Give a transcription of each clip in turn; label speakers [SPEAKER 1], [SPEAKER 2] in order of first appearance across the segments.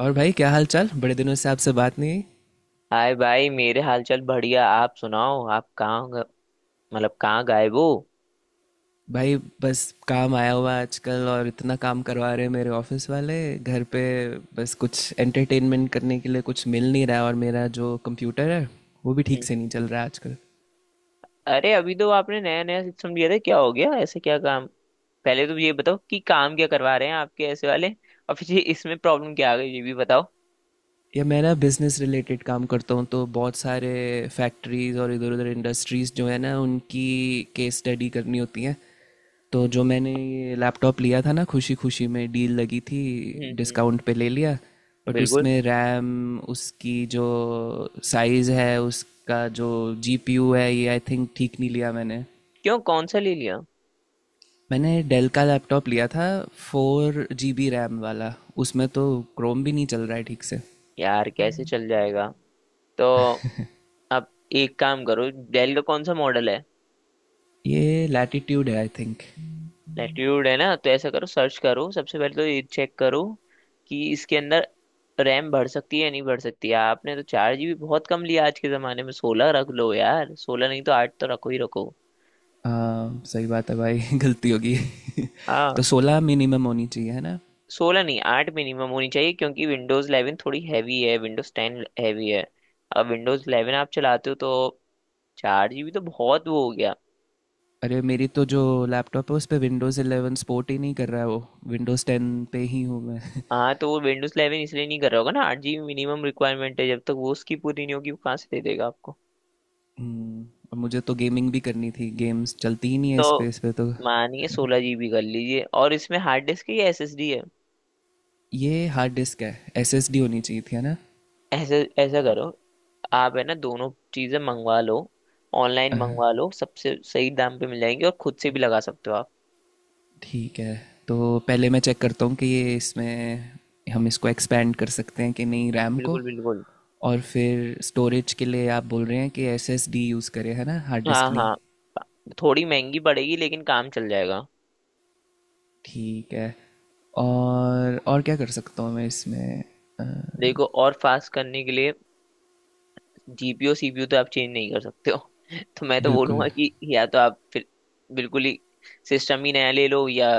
[SPEAKER 1] और भाई, क्या हाल चाल? बड़े दिनों से आपसे बात नहीं हुई।
[SPEAKER 2] हाय भाई, मेरे हालचाल बढ़िया। आप सुनाओ, आप कहाँ ग- मतलब कहाँ गायब हो?
[SPEAKER 1] भाई, बस काम आया हुआ है आजकल, और इतना काम करवा रहे हैं मेरे ऑफिस वाले घर पे। बस कुछ एंटरटेनमेंट करने के लिए कुछ मिल नहीं रहा है, और मेरा जो कंप्यूटर है वो भी ठीक
[SPEAKER 2] हम्म।
[SPEAKER 1] से नहीं चल रहा है आजकल।
[SPEAKER 2] अरे, अभी तो आपने नया नया सिस्टम दिया था, क्या हो गया? ऐसे क्या काम? पहले तो ये बताओ कि काम क्या करवा रहे हैं आपके ऐसे वाले, और फिर ये इसमें प्रॉब्लम क्या आ गई ये भी बताओ।
[SPEAKER 1] या मैं ना, बिज़नेस रिलेटेड काम करता हूँ, तो बहुत सारे फैक्ट्रीज़ और इधर उधर इंडस्ट्रीज़ जो है ना, उनकी केस स्टडी करनी होती हैं। तो जो मैंने ये लैपटॉप लिया था ना, खुशी खुशी में डील लगी थी।
[SPEAKER 2] हम्म।
[SPEAKER 1] डिस्काउंट पे ले लिया। बट
[SPEAKER 2] बिल्कुल।
[SPEAKER 1] उसमें रैम, उसकी जो साइज़ है, उसका जो जीपीयू है, ये आई थिंक ठीक नहीं लिया मैंने।
[SPEAKER 2] क्यों, कौन सा ले लिया?
[SPEAKER 1] मैंने डेल का लैपटॉप लिया था, 4 GB रैम वाला। उसमें तो क्रोम भी नहीं चल रहा है ठीक से।
[SPEAKER 2] यार कैसे चल जाएगा? तो अब एक काम करो, डेल का कौन सा मॉडल है?
[SPEAKER 1] ये लैटिट्यूड है आई थिंक।
[SPEAKER 2] लैट्यूड है ना? तो ऐसा करो, सर्च करो। सबसे पहले तो ये चेक करो कि इसके अंदर रैम बढ़ सकती है या नहीं बढ़ सकती है। आपने तो 4 जीबी बहुत कम लिया, आज के जमाने में 16 रख लो यार। 16 नहीं तो 8 तो रखो ही रखो।
[SPEAKER 1] सही बात है भाई, गलती होगी।
[SPEAKER 2] हाँ,
[SPEAKER 1] तो 16 मिनिमम होनी चाहिए, है ना?
[SPEAKER 2] 16 नहीं 8 मिनिमम होनी चाहिए, क्योंकि Windows 11 थोड़ी हैवी है, Windows 10 हैवी है। अब Windows 11 आप चलाते हो तो 4 जीबी तो बहुत वो हो गया।
[SPEAKER 1] अरे, मेरी तो जो लैपटॉप है उस पे विंडोज़ 11 सपोर्ट ही नहीं कर रहा है, वो विंडोज़ 10 पे ही हूँ मैं।
[SPEAKER 2] हाँ, तो वो Windows 11 इसलिए नहीं कर रहा होगा ना, 8 जीबी मिनिमम रिक्वायरमेंट है। जब तक वो उसकी पूरी नहीं होगी, वो कहाँ से दे देगा आपको।
[SPEAKER 1] हम्म। और मुझे तो गेमिंग भी करनी थी, गेम्स चलती ही नहीं है
[SPEAKER 2] तो
[SPEAKER 1] इस पे तो।
[SPEAKER 2] मानिए 16 जीबी कर लीजिए। और इसमें हार्ड डिस्क है या एसएसडी है?
[SPEAKER 1] ये हार्ड डिस्क है, एसएसडी होनी चाहिए थी, है ना?
[SPEAKER 2] ऐसे ऐसा करो, आप है ना दोनों चीजें मंगवा लो। ऑनलाइन मंगवा लो, सबसे सही दाम पे मिल जाएंगी, और खुद से भी लगा सकते हो आप।
[SPEAKER 1] ठीक है, तो पहले मैं चेक करता हूँ कि ये इसमें, हम इसको एक्सपेंड कर सकते हैं कि नहीं, रैम को।
[SPEAKER 2] बिल्कुल बिल्कुल।
[SPEAKER 1] और फिर स्टोरेज के लिए आप बोल रहे हैं कि एसएसडी यूज़ करें, है ना, हार्ड
[SPEAKER 2] हाँ
[SPEAKER 1] डिस्क नहीं?
[SPEAKER 2] हाँ, थोड़ी महंगी पड़ेगी लेकिन काम चल जाएगा।
[SPEAKER 1] ठीक है। और क्या कर सकता हूँ मैं इसमें? अ,
[SPEAKER 2] देखो, और फास्ट करने के लिए जीपीयू सीपीयू तो आप चेंज नहीं कर सकते हो तो मैं तो
[SPEAKER 1] बिल्कुल।
[SPEAKER 2] बोलूंगा कि या तो आप फिर बिल्कुल ही सिस्टम ही नया ले लो, या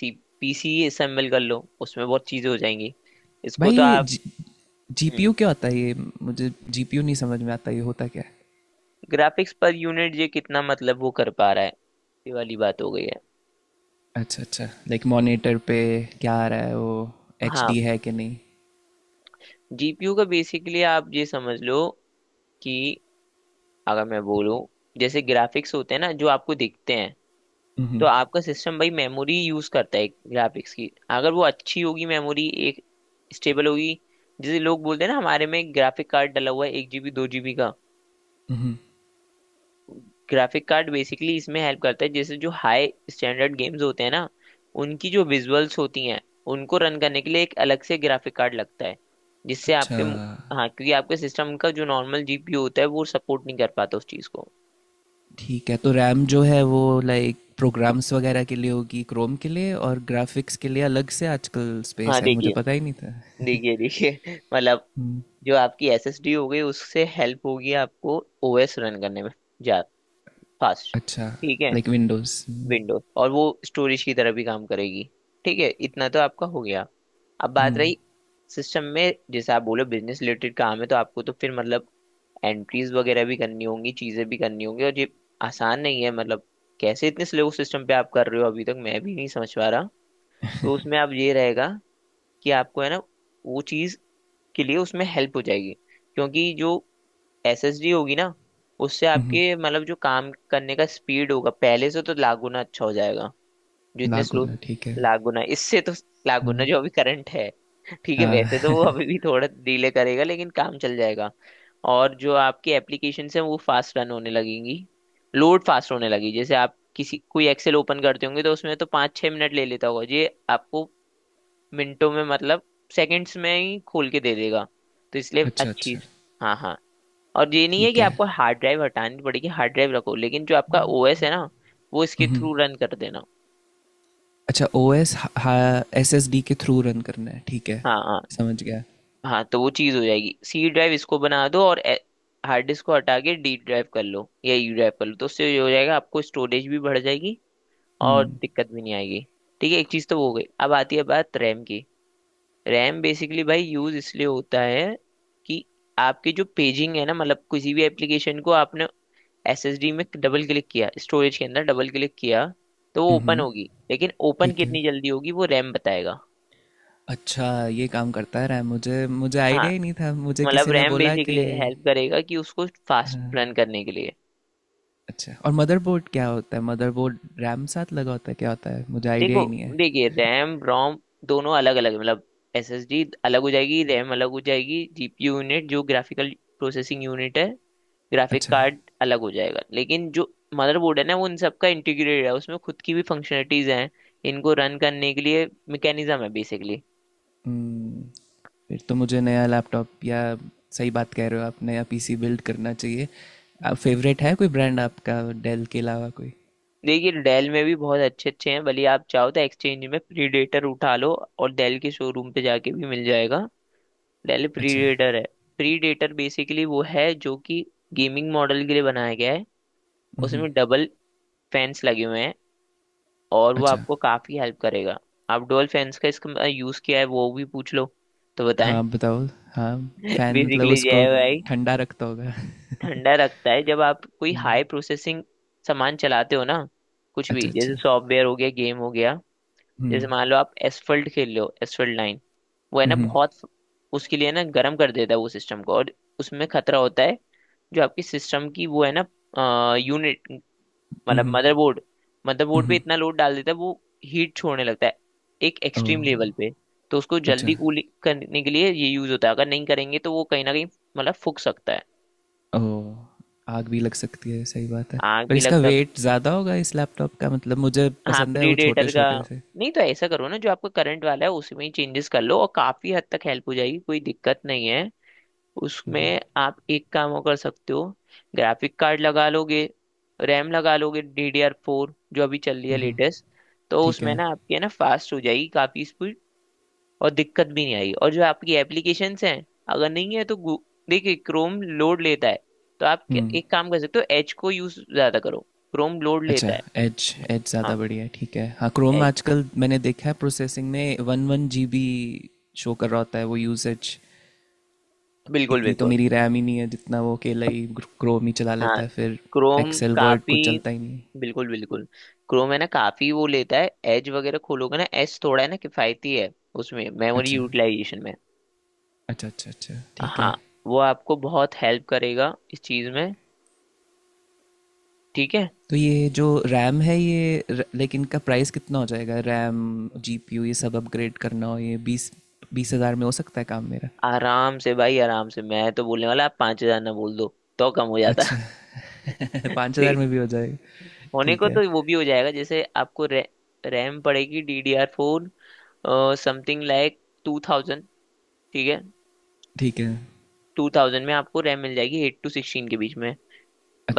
[SPEAKER 2] सी पीसी असेंबल कर लो, उसमें बहुत चीजें हो जाएंगी। इसको
[SPEAKER 1] भाई,
[SPEAKER 2] तो
[SPEAKER 1] ये
[SPEAKER 2] आप
[SPEAKER 1] जीपीयू क्यों आता है ये? मुझे जीपीयू नहीं समझ में आता, ये होता क्या है?
[SPEAKER 2] ग्राफिक्स पर यूनिट, ये कितना मतलब वो कर पा रहा है ये वाली बात हो गई है।
[SPEAKER 1] अच्छा अच्छा, लाइक मॉनिटर पे क्या आ रहा है वो? एच
[SPEAKER 2] हाँ,
[SPEAKER 1] है कि नहीं?
[SPEAKER 2] जीपीयू का बेसिकली आप ये समझ लो कि अगर मैं बोलूँ, जैसे ग्राफिक्स होते हैं ना जो आपको दिखते हैं, तो आपका सिस्टम भाई मेमोरी यूज करता है ग्राफिक्स की। अगर वो अच्छी होगी मेमोरी, एक स्टेबल होगी। जैसे लोग बोलते हैं ना, हमारे में ग्राफिक कार्ड डला हुआ है 1 जीबी 2 जीबी का। ग्राफिक कार्ड बेसिकली इसमें हेल्प करता है, जैसे जो हाई स्टैंडर्ड गेम्स होते हैं ना, उनकी जो विजुअल्स होती हैं उनको रन करने के लिए एक अलग से ग्राफिक कार्ड लगता है, जिससे
[SPEAKER 1] अच्छा,
[SPEAKER 2] आपके मु-। हाँ, क्योंकि आपके सिस्टम का जो नॉर्मल जीपीयू होता है वो सपोर्ट नहीं कर पाता उस चीज़ को।
[SPEAKER 1] ठीक है, तो रैम जो है वो लाइक प्रोग्राम्स वगैरह के लिए होगी, क्रोम के लिए, और ग्राफिक्स के लिए अलग से आजकल
[SPEAKER 2] हाँ।
[SPEAKER 1] स्पेस है, मुझे
[SPEAKER 2] देखिए
[SPEAKER 1] पता ही नहीं था।
[SPEAKER 2] देखिए देखिए मतलब,
[SPEAKER 1] हम्म।
[SPEAKER 2] जो आपकी एसएसडी हो गई उससे हेल्प होगी आपको, ओएस रन करने में, जा फास्ट।
[SPEAKER 1] अच्छा,
[SPEAKER 2] ठीक है।
[SPEAKER 1] Like Windows.
[SPEAKER 2] विंडोज और वो स्टोरेज की तरह भी काम करेगी। ठीक है, इतना तो आपका हो गया। अब बात रही सिस्टम में, जैसे आप बोलो बिजनेस रिलेटेड काम है, तो आपको तो फिर मतलब एंट्रीज वगैरह भी करनी होंगी, चीजें भी करनी होंगी, और ये आसान नहीं है मतलब। कैसे इतने स्लो सिस्टम पे आप कर रहे हो अभी तक मैं भी नहीं समझ पा रहा। तो उसमें आप ये रहेगा कि आपको है ना वो चीज के लिए उसमें हेल्प हो जाएगी। क्योंकि जो एसएसडी होगी ना, उससे आपके मतलब जो काम करने का स्पीड होगा पहले से तो लाख गुना अच्छा हो जाएगा। जो इतने
[SPEAKER 1] लागू
[SPEAKER 2] स्लो,
[SPEAKER 1] ना, ठीक है।
[SPEAKER 2] लाख गुना इससे तो, लाख गुना जो अभी करंट है। ठीक है, वैसे तो वो
[SPEAKER 1] हाँ।
[SPEAKER 2] अभी भी थोड़ा डिले करेगा, लेकिन काम चल जाएगा। और जो आपकी एप्लीकेशन है वो फास्ट रन होने लगेंगी, लोड फास्ट होने लगी। जैसे आप किसी कोई एक्सेल ओपन करते होंगे तो उसमें तो 5-6 मिनट ले लेता होगा ये आपको, मिनटों में मतलब सेकंड्स में ही खोल के दे देगा। तो इसलिए
[SPEAKER 1] अच्छा
[SPEAKER 2] अच्छी।
[SPEAKER 1] अच्छा,
[SPEAKER 2] हाँ हाँ। और ये नहीं है
[SPEAKER 1] ठीक
[SPEAKER 2] कि
[SPEAKER 1] है।
[SPEAKER 2] आपको हार्ड ड्राइव हटानी पड़ेगी, हार्ड ड्राइव रखो, लेकिन जो आपका ओएस है ना वो इसके थ्रू रन कर देना।
[SPEAKER 1] अच्छा। O S, S S D के थ्रू रन करना है, ठीक है।
[SPEAKER 2] हाँ हाँ।
[SPEAKER 1] समझ गया।
[SPEAKER 2] हाँ, तो वो चीज़ हो जाएगी, सी ड्राइव इसको बना दो, और हार्ड डिस्क को हटा के डी ड्राइव कर लो या यू ड्राइव कर लो, तो उससे ये हो जाएगा आपको, स्टोरेज भी बढ़ जाएगी और दिक्कत भी नहीं आएगी। ठीक है, एक चीज़ तो वो हो गई। अब आती है बात रैम की। रैम बेसिकली भाई यूज़ इसलिए होता है कि आपकी जो पेजिंग है ना, मतलब किसी भी एप्लीकेशन को आपने एसएसडी में डबल क्लिक किया, स्टोरेज के अंदर डबल क्लिक किया, तो वो ओपन
[SPEAKER 1] हम्म,
[SPEAKER 2] होगी, लेकिन ओपन
[SPEAKER 1] ठीक है।
[SPEAKER 2] कितनी जल्दी होगी वो रैम बताएगा।
[SPEAKER 1] अच्छा, ये काम करता है रैम, मुझे मुझे
[SPEAKER 2] हाँ,
[SPEAKER 1] आइडिया ही नहीं था, मुझे
[SPEAKER 2] मतलब
[SPEAKER 1] किसी ने
[SPEAKER 2] रैम
[SPEAKER 1] बोला कि।
[SPEAKER 2] बेसिकली हेल्प करेगा कि उसको फास्ट रन करने के लिए।
[SPEAKER 1] अच्छा, और मदरबोर्ड क्या होता है? मदरबोर्ड रैम साथ लगा होता है, क्या होता है? मुझे आइडिया
[SPEAKER 2] देखो,
[SPEAKER 1] ही नहीं है।
[SPEAKER 2] देखिए, रैम रोम दोनों अलग अलग मतलब, एसएसडी अलग हो जाएगी, रैम अलग हो जाएगी, जीपीयू यूनिट जो ग्राफिकल प्रोसेसिंग यूनिट है, ग्राफिक
[SPEAKER 1] अच्छा।
[SPEAKER 2] कार्ड अलग हो जाएगा, लेकिन जो मदरबोर्ड है ना वो इन सबका इंटीग्रेटेड है, उसमें खुद की भी फंक्शनलिटीज हैं, इनको रन करने के लिए मैकेनिज्म है बेसिकली।
[SPEAKER 1] हम्म। फिर तो मुझे नया लैपटॉप या, सही बात कह रहे हो आप, नया पीसी बिल्ड करना चाहिए। फेवरेट है कोई ब्रांड आपका, डेल के अलावा कोई?
[SPEAKER 2] देखिए, डेल में भी बहुत अच्छे अच्छे हैं, भले आप चाहो तो एक्सचेंज में प्रीडेटर उठा लो, और डेल के शोरूम पे जाके भी मिल जाएगा। डेल
[SPEAKER 1] अच्छा
[SPEAKER 2] प्रीडेटर है। प्रीडेटर बेसिकली वो है जो कि गेमिंग मॉडल के लिए बनाया गया है, उसमें डबल फैंस लगे हुए हैं, और वो
[SPEAKER 1] अच्छा।
[SPEAKER 2] आपको काफी हेल्प करेगा। आप डुअल फैंस का इसका यूज किया है वो भी पूछ लो, तो बताएं
[SPEAKER 1] हाँ बताओ। हाँ। फैन मतलब
[SPEAKER 2] बेसिकली ये
[SPEAKER 1] उसको
[SPEAKER 2] है भाई।
[SPEAKER 1] ठंडा रखता होगा।
[SPEAKER 2] ठंडा रखता है जब आप कोई हाई प्रोसेसिंग सामान चलाते हो ना, कुछ भी
[SPEAKER 1] अच्छा
[SPEAKER 2] जैसे
[SPEAKER 1] अच्छा।
[SPEAKER 2] सॉफ्टवेयर हो गया गेम हो गया। जैसे
[SPEAKER 1] हम्म।
[SPEAKER 2] मान लो आप एसफल्ट खेल लो, एसफल्ट लाइन वो है ना बहुत, उसके लिए ना गर्म कर देता है वो सिस्टम को, और उसमें खतरा होता है। जो आपकी सिस्टम की वो है ना यूनिट, मतलब मदरबोर्ड, मदरबोर्ड पे इतना लोड डाल देता है वो, हीट छोड़ने लगता है एक
[SPEAKER 1] ओ।
[SPEAKER 2] एक्सट्रीम लेवल पे। तो उसको
[SPEAKER 1] अच्छा।
[SPEAKER 2] जल्दी कूल करने के लिए ये यूज होता है, अगर नहीं करेंगे तो वो कहीं ना कहीं मतलब फूक सकता है।
[SPEAKER 1] ओ, आग भी लग सकती है, सही बात है।
[SPEAKER 2] आग
[SPEAKER 1] पर
[SPEAKER 2] भी लग
[SPEAKER 1] इसका
[SPEAKER 2] सक।
[SPEAKER 1] वेट ज़्यादा होगा इस लैपटॉप का, मतलब मुझे
[SPEAKER 2] हाँ
[SPEAKER 1] पसंद है वो छोटे
[SPEAKER 2] प्रीडेटर का।
[SPEAKER 1] छोटे से।
[SPEAKER 2] नहीं तो ऐसा करो ना, जो आपका करंट वाला है उसी में ही चेंजेस कर लो और काफी हद तक हेल्प हो जाएगी, कोई दिक्कत नहीं है। उसमें आप एक काम और कर सकते हो, ग्राफिक कार्ड लगा लोगे, रैम लगा लोगे DDR4 जो अभी चल रही है लेटेस्ट, तो
[SPEAKER 1] ठीक
[SPEAKER 2] उसमें
[SPEAKER 1] है।
[SPEAKER 2] ना आपकी है ना फास्ट हो जाएगी काफी स्पीड। और दिक्कत भी नहीं आएगी और जो आपकी एप्लीकेशंस हैं, अगर नहीं है तो देखिए क्रोम लोड लेता है, तो आप एक काम कर सकते हो, एज को यूज ज्यादा करो। क्रोम लोड
[SPEAKER 1] अच्छा,
[SPEAKER 2] लेता है।
[SPEAKER 1] एज एज
[SPEAKER 2] हाँ
[SPEAKER 1] ज़्यादा बढ़िया है, ठीक है। हाँ, क्रोम
[SPEAKER 2] एज।
[SPEAKER 1] आजकल मैंने देखा है प्रोसेसिंग में one one G B show कर रहा होता है, वो यूसेज।
[SPEAKER 2] बिल्कुल
[SPEAKER 1] इतनी तो
[SPEAKER 2] बिल्कुल।
[SPEAKER 1] मेरी रैम ही नहीं है जितना वो अकेला ही क्रोम ही चला
[SPEAKER 2] हाँ,
[SPEAKER 1] लेता है फिर।
[SPEAKER 2] क्रोम
[SPEAKER 1] एक्सेल वर्ड
[SPEAKER 2] काफी।
[SPEAKER 1] कुछ चलता ही नहीं है।
[SPEAKER 2] बिल्कुल बिल्कुल, क्रोम है ना काफी वो लेता है, एज वगैरह खोलोगे ना एज थोड़ा है ना किफायती है उसमें, मेमोरी
[SPEAKER 1] अच्छा
[SPEAKER 2] यूटिलाइजेशन में।
[SPEAKER 1] अच्छा अच्छा अच्छा, ठीक है।
[SPEAKER 2] हाँ, वो आपको बहुत हेल्प करेगा इस चीज में। ठीक है।
[SPEAKER 1] तो ये जो रैम है ये लाइक इनका प्राइस कितना हो जाएगा? रैम, जीपीयू, ये सब अपग्रेड करना हो ये बीस बीस हज़ार में हो सकता है काम मेरा?
[SPEAKER 2] आराम से भाई, आराम से मैं तो बोलने वाला, आप 5000 ना बोल दो तो कम हो जाता।
[SPEAKER 1] अच्छा। 5,000
[SPEAKER 2] ठीक,
[SPEAKER 1] में भी हो जाएगा?
[SPEAKER 2] होने
[SPEAKER 1] ठीक
[SPEAKER 2] को
[SPEAKER 1] है,
[SPEAKER 2] तो वो भी हो जाएगा, जैसे आपको रैम पड़ेगी DDR4, समथिंग लाइक 2000। ठीक है।
[SPEAKER 1] ठीक है।
[SPEAKER 2] 2000 में आपको रैम मिल जाएगी 8-16 के बीच में।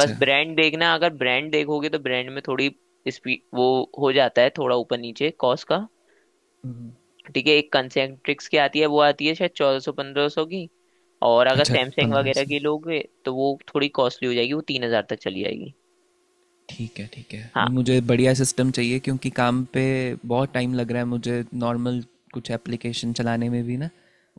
[SPEAKER 2] बस ब्रांड देखना, अगर ब्रांड देखोगे तो ब्रांड में थोड़ी स्पीड वो हो जाता है थोड़ा ऊपर नीचे कॉस्ट का। ठीक है, एक कंसेंट्रिक्स की आती है, वो आती है शायद 1400 1500 की। और अगर
[SPEAKER 1] अच्छा।
[SPEAKER 2] सैमसंग
[SPEAKER 1] पंद्रह
[SPEAKER 2] वगैरह
[SPEAKER 1] सौ
[SPEAKER 2] की लोगे तो वो थोड़ी कॉस्टली हो जाएगी, वो 3000 तक चली जाएगी।
[SPEAKER 1] ठीक है, ठीक है।
[SPEAKER 2] हाँ।
[SPEAKER 1] नहीं, मुझे बढ़िया सिस्टम चाहिए क्योंकि काम पे बहुत टाइम लग रहा है मुझे, नॉर्मल कुछ एप्लीकेशन चलाने में भी ना,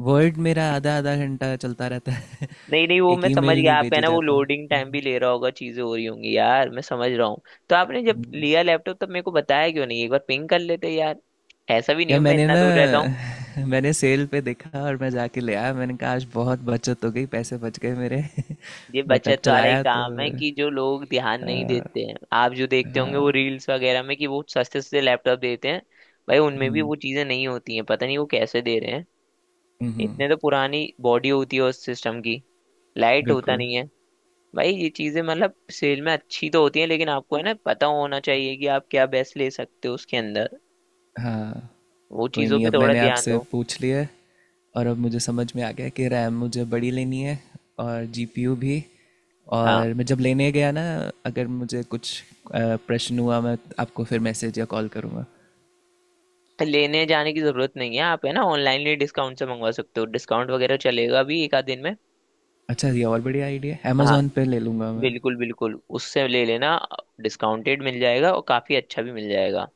[SPEAKER 1] वर्ड मेरा आधा आधा घंटा चलता रहता है।
[SPEAKER 2] नहीं नहीं, वो
[SPEAKER 1] एक
[SPEAKER 2] मैं समझ
[SPEAKER 1] ईमेल
[SPEAKER 2] गया,
[SPEAKER 1] नहीं
[SPEAKER 2] आपका है
[SPEAKER 1] भेजी
[SPEAKER 2] ना वो
[SPEAKER 1] जाता।
[SPEAKER 2] लोडिंग टाइम भी ले रहा होगा, चीजें हो रही होंगी, यार मैं समझ रहा हूँ। तो आपने जब लिया लैपटॉप तब मेरे को बताया क्यों नहीं, एक बार पिंग कर लेते यार। ऐसा भी नहीं
[SPEAKER 1] या
[SPEAKER 2] हूँ मैं
[SPEAKER 1] मैंने
[SPEAKER 2] इतना
[SPEAKER 1] ना,
[SPEAKER 2] दूर रहता।
[SPEAKER 1] मैंने सेल पे देखा और मैं जाके ले आया। मैंने कहा आज बहुत बचत हो गई, पैसे बच गए मेरे।
[SPEAKER 2] ये
[SPEAKER 1] बट अब
[SPEAKER 2] बचत वाला ही
[SPEAKER 1] चलाया तो।
[SPEAKER 2] काम है कि जो लोग ध्यान
[SPEAKER 1] आ,
[SPEAKER 2] नहीं देते हैं, आप जो देखते होंगे वो
[SPEAKER 1] हाँ।
[SPEAKER 2] रील्स वगैरह में, कि वो सस्ते सस्ते लैपटॉप देते हैं। भाई उनमें भी वो चीजें नहीं होती हैं, पता नहीं वो कैसे दे रहे हैं।
[SPEAKER 1] हम्म।
[SPEAKER 2] इतने तो पुरानी बॉडी होती है उस सिस्टम की, लाइट होता
[SPEAKER 1] बिल्कुल।
[SPEAKER 2] नहीं है। भाई ये चीजें मतलब सेल में अच्छी तो होती हैं, लेकिन आपको है ना पता होना चाहिए कि आप क्या बेस्ट ले सकते हो उसके अंदर।
[SPEAKER 1] हाँ।
[SPEAKER 2] वो
[SPEAKER 1] कोई
[SPEAKER 2] चीजों
[SPEAKER 1] नहीं,
[SPEAKER 2] पे
[SPEAKER 1] अब
[SPEAKER 2] थोड़ा
[SPEAKER 1] मैंने
[SPEAKER 2] ध्यान
[SPEAKER 1] आपसे
[SPEAKER 2] दो।
[SPEAKER 1] पूछ लिया है, और अब मुझे समझ में आ गया कि रैम मुझे बड़ी लेनी है, और जीपीयू भी।
[SPEAKER 2] हाँ,
[SPEAKER 1] और मैं जब लेने गया ना, अगर मुझे कुछ प्रश्न हुआ, मैं आपको फिर मैसेज या कॉल करूँगा।
[SPEAKER 2] लेने जाने की जरूरत नहीं है, आप है ना ऑनलाइन ही डिस्काउंट से मंगवा सकते हो, डिस्काउंट वगैरह चलेगा भी एक आध दिन में।
[SPEAKER 1] अच्छा, ये और बढ़िया आइडिया है,
[SPEAKER 2] हाँ
[SPEAKER 1] अमेजोन पे ले लूँगा मैं।
[SPEAKER 2] बिल्कुल बिल्कुल, उससे ले लेना, डिस्काउंटेड मिल जाएगा और काफी अच्छा भी मिल जाएगा।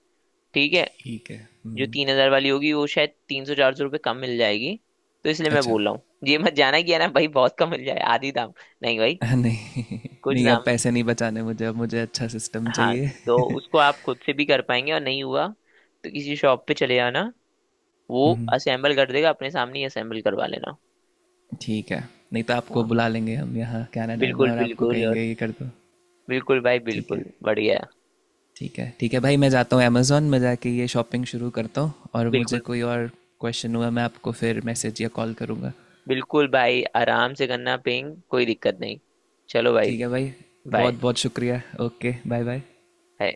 [SPEAKER 2] ठीक है।
[SPEAKER 1] ठीक है।
[SPEAKER 2] जो
[SPEAKER 1] हम्म।
[SPEAKER 2] 3000 वाली होगी वो शायद 300 400 रुपये कम मिल जाएगी, तो इसलिए मैं
[SPEAKER 1] अच्छा।
[SPEAKER 2] बोल रहा हूँ। ये मत जाना कि है ना भाई बहुत कम मिल जाए आधी दाम, नहीं भाई,
[SPEAKER 1] नहीं
[SPEAKER 2] कुछ
[SPEAKER 1] नहीं, अब
[SPEAKER 2] दाम।
[SPEAKER 1] पैसे नहीं बचाने मुझे, अब मुझे अच्छा सिस्टम
[SPEAKER 2] हाँ,
[SPEAKER 1] चाहिए।
[SPEAKER 2] तो उसको आप खुद से भी कर पाएंगे और नहीं हुआ तो किसी शॉप पे चले जाना, वो
[SPEAKER 1] हम्म।
[SPEAKER 2] असेंबल कर देगा, अपने सामने ही असेंबल करवा लेना।
[SPEAKER 1] ठीक है, नहीं तो आपको
[SPEAKER 2] हाँ
[SPEAKER 1] बुला लेंगे हम यहाँ कनाडा में,
[SPEAKER 2] बिल्कुल
[SPEAKER 1] और आपको
[SPEAKER 2] बिल्कुल, और
[SPEAKER 1] कहेंगे ये कर दो।
[SPEAKER 2] बिल्कुल भाई,
[SPEAKER 1] ठीक है,
[SPEAKER 2] बिल्कुल बढ़िया।
[SPEAKER 1] ठीक है। ठीक है भाई, मैं जाता हूँ अमेज़ोन में जाके ये शॉपिंग शुरू करता हूँ, और मुझे
[SPEAKER 2] बिल्कुल,
[SPEAKER 1] कोई और क्वेश्चन हुआ मैं आपको फिर मैसेज या कॉल करूँगा।
[SPEAKER 2] बिल्कुल भाई, आराम से करना, पिंग, कोई दिक्कत नहीं। चलो भाई।
[SPEAKER 1] ठीक है भाई। बहुत
[SPEAKER 2] बाय।
[SPEAKER 1] बहुत शुक्रिया। Okay, bye bye.
[SPEAKER 2] बाय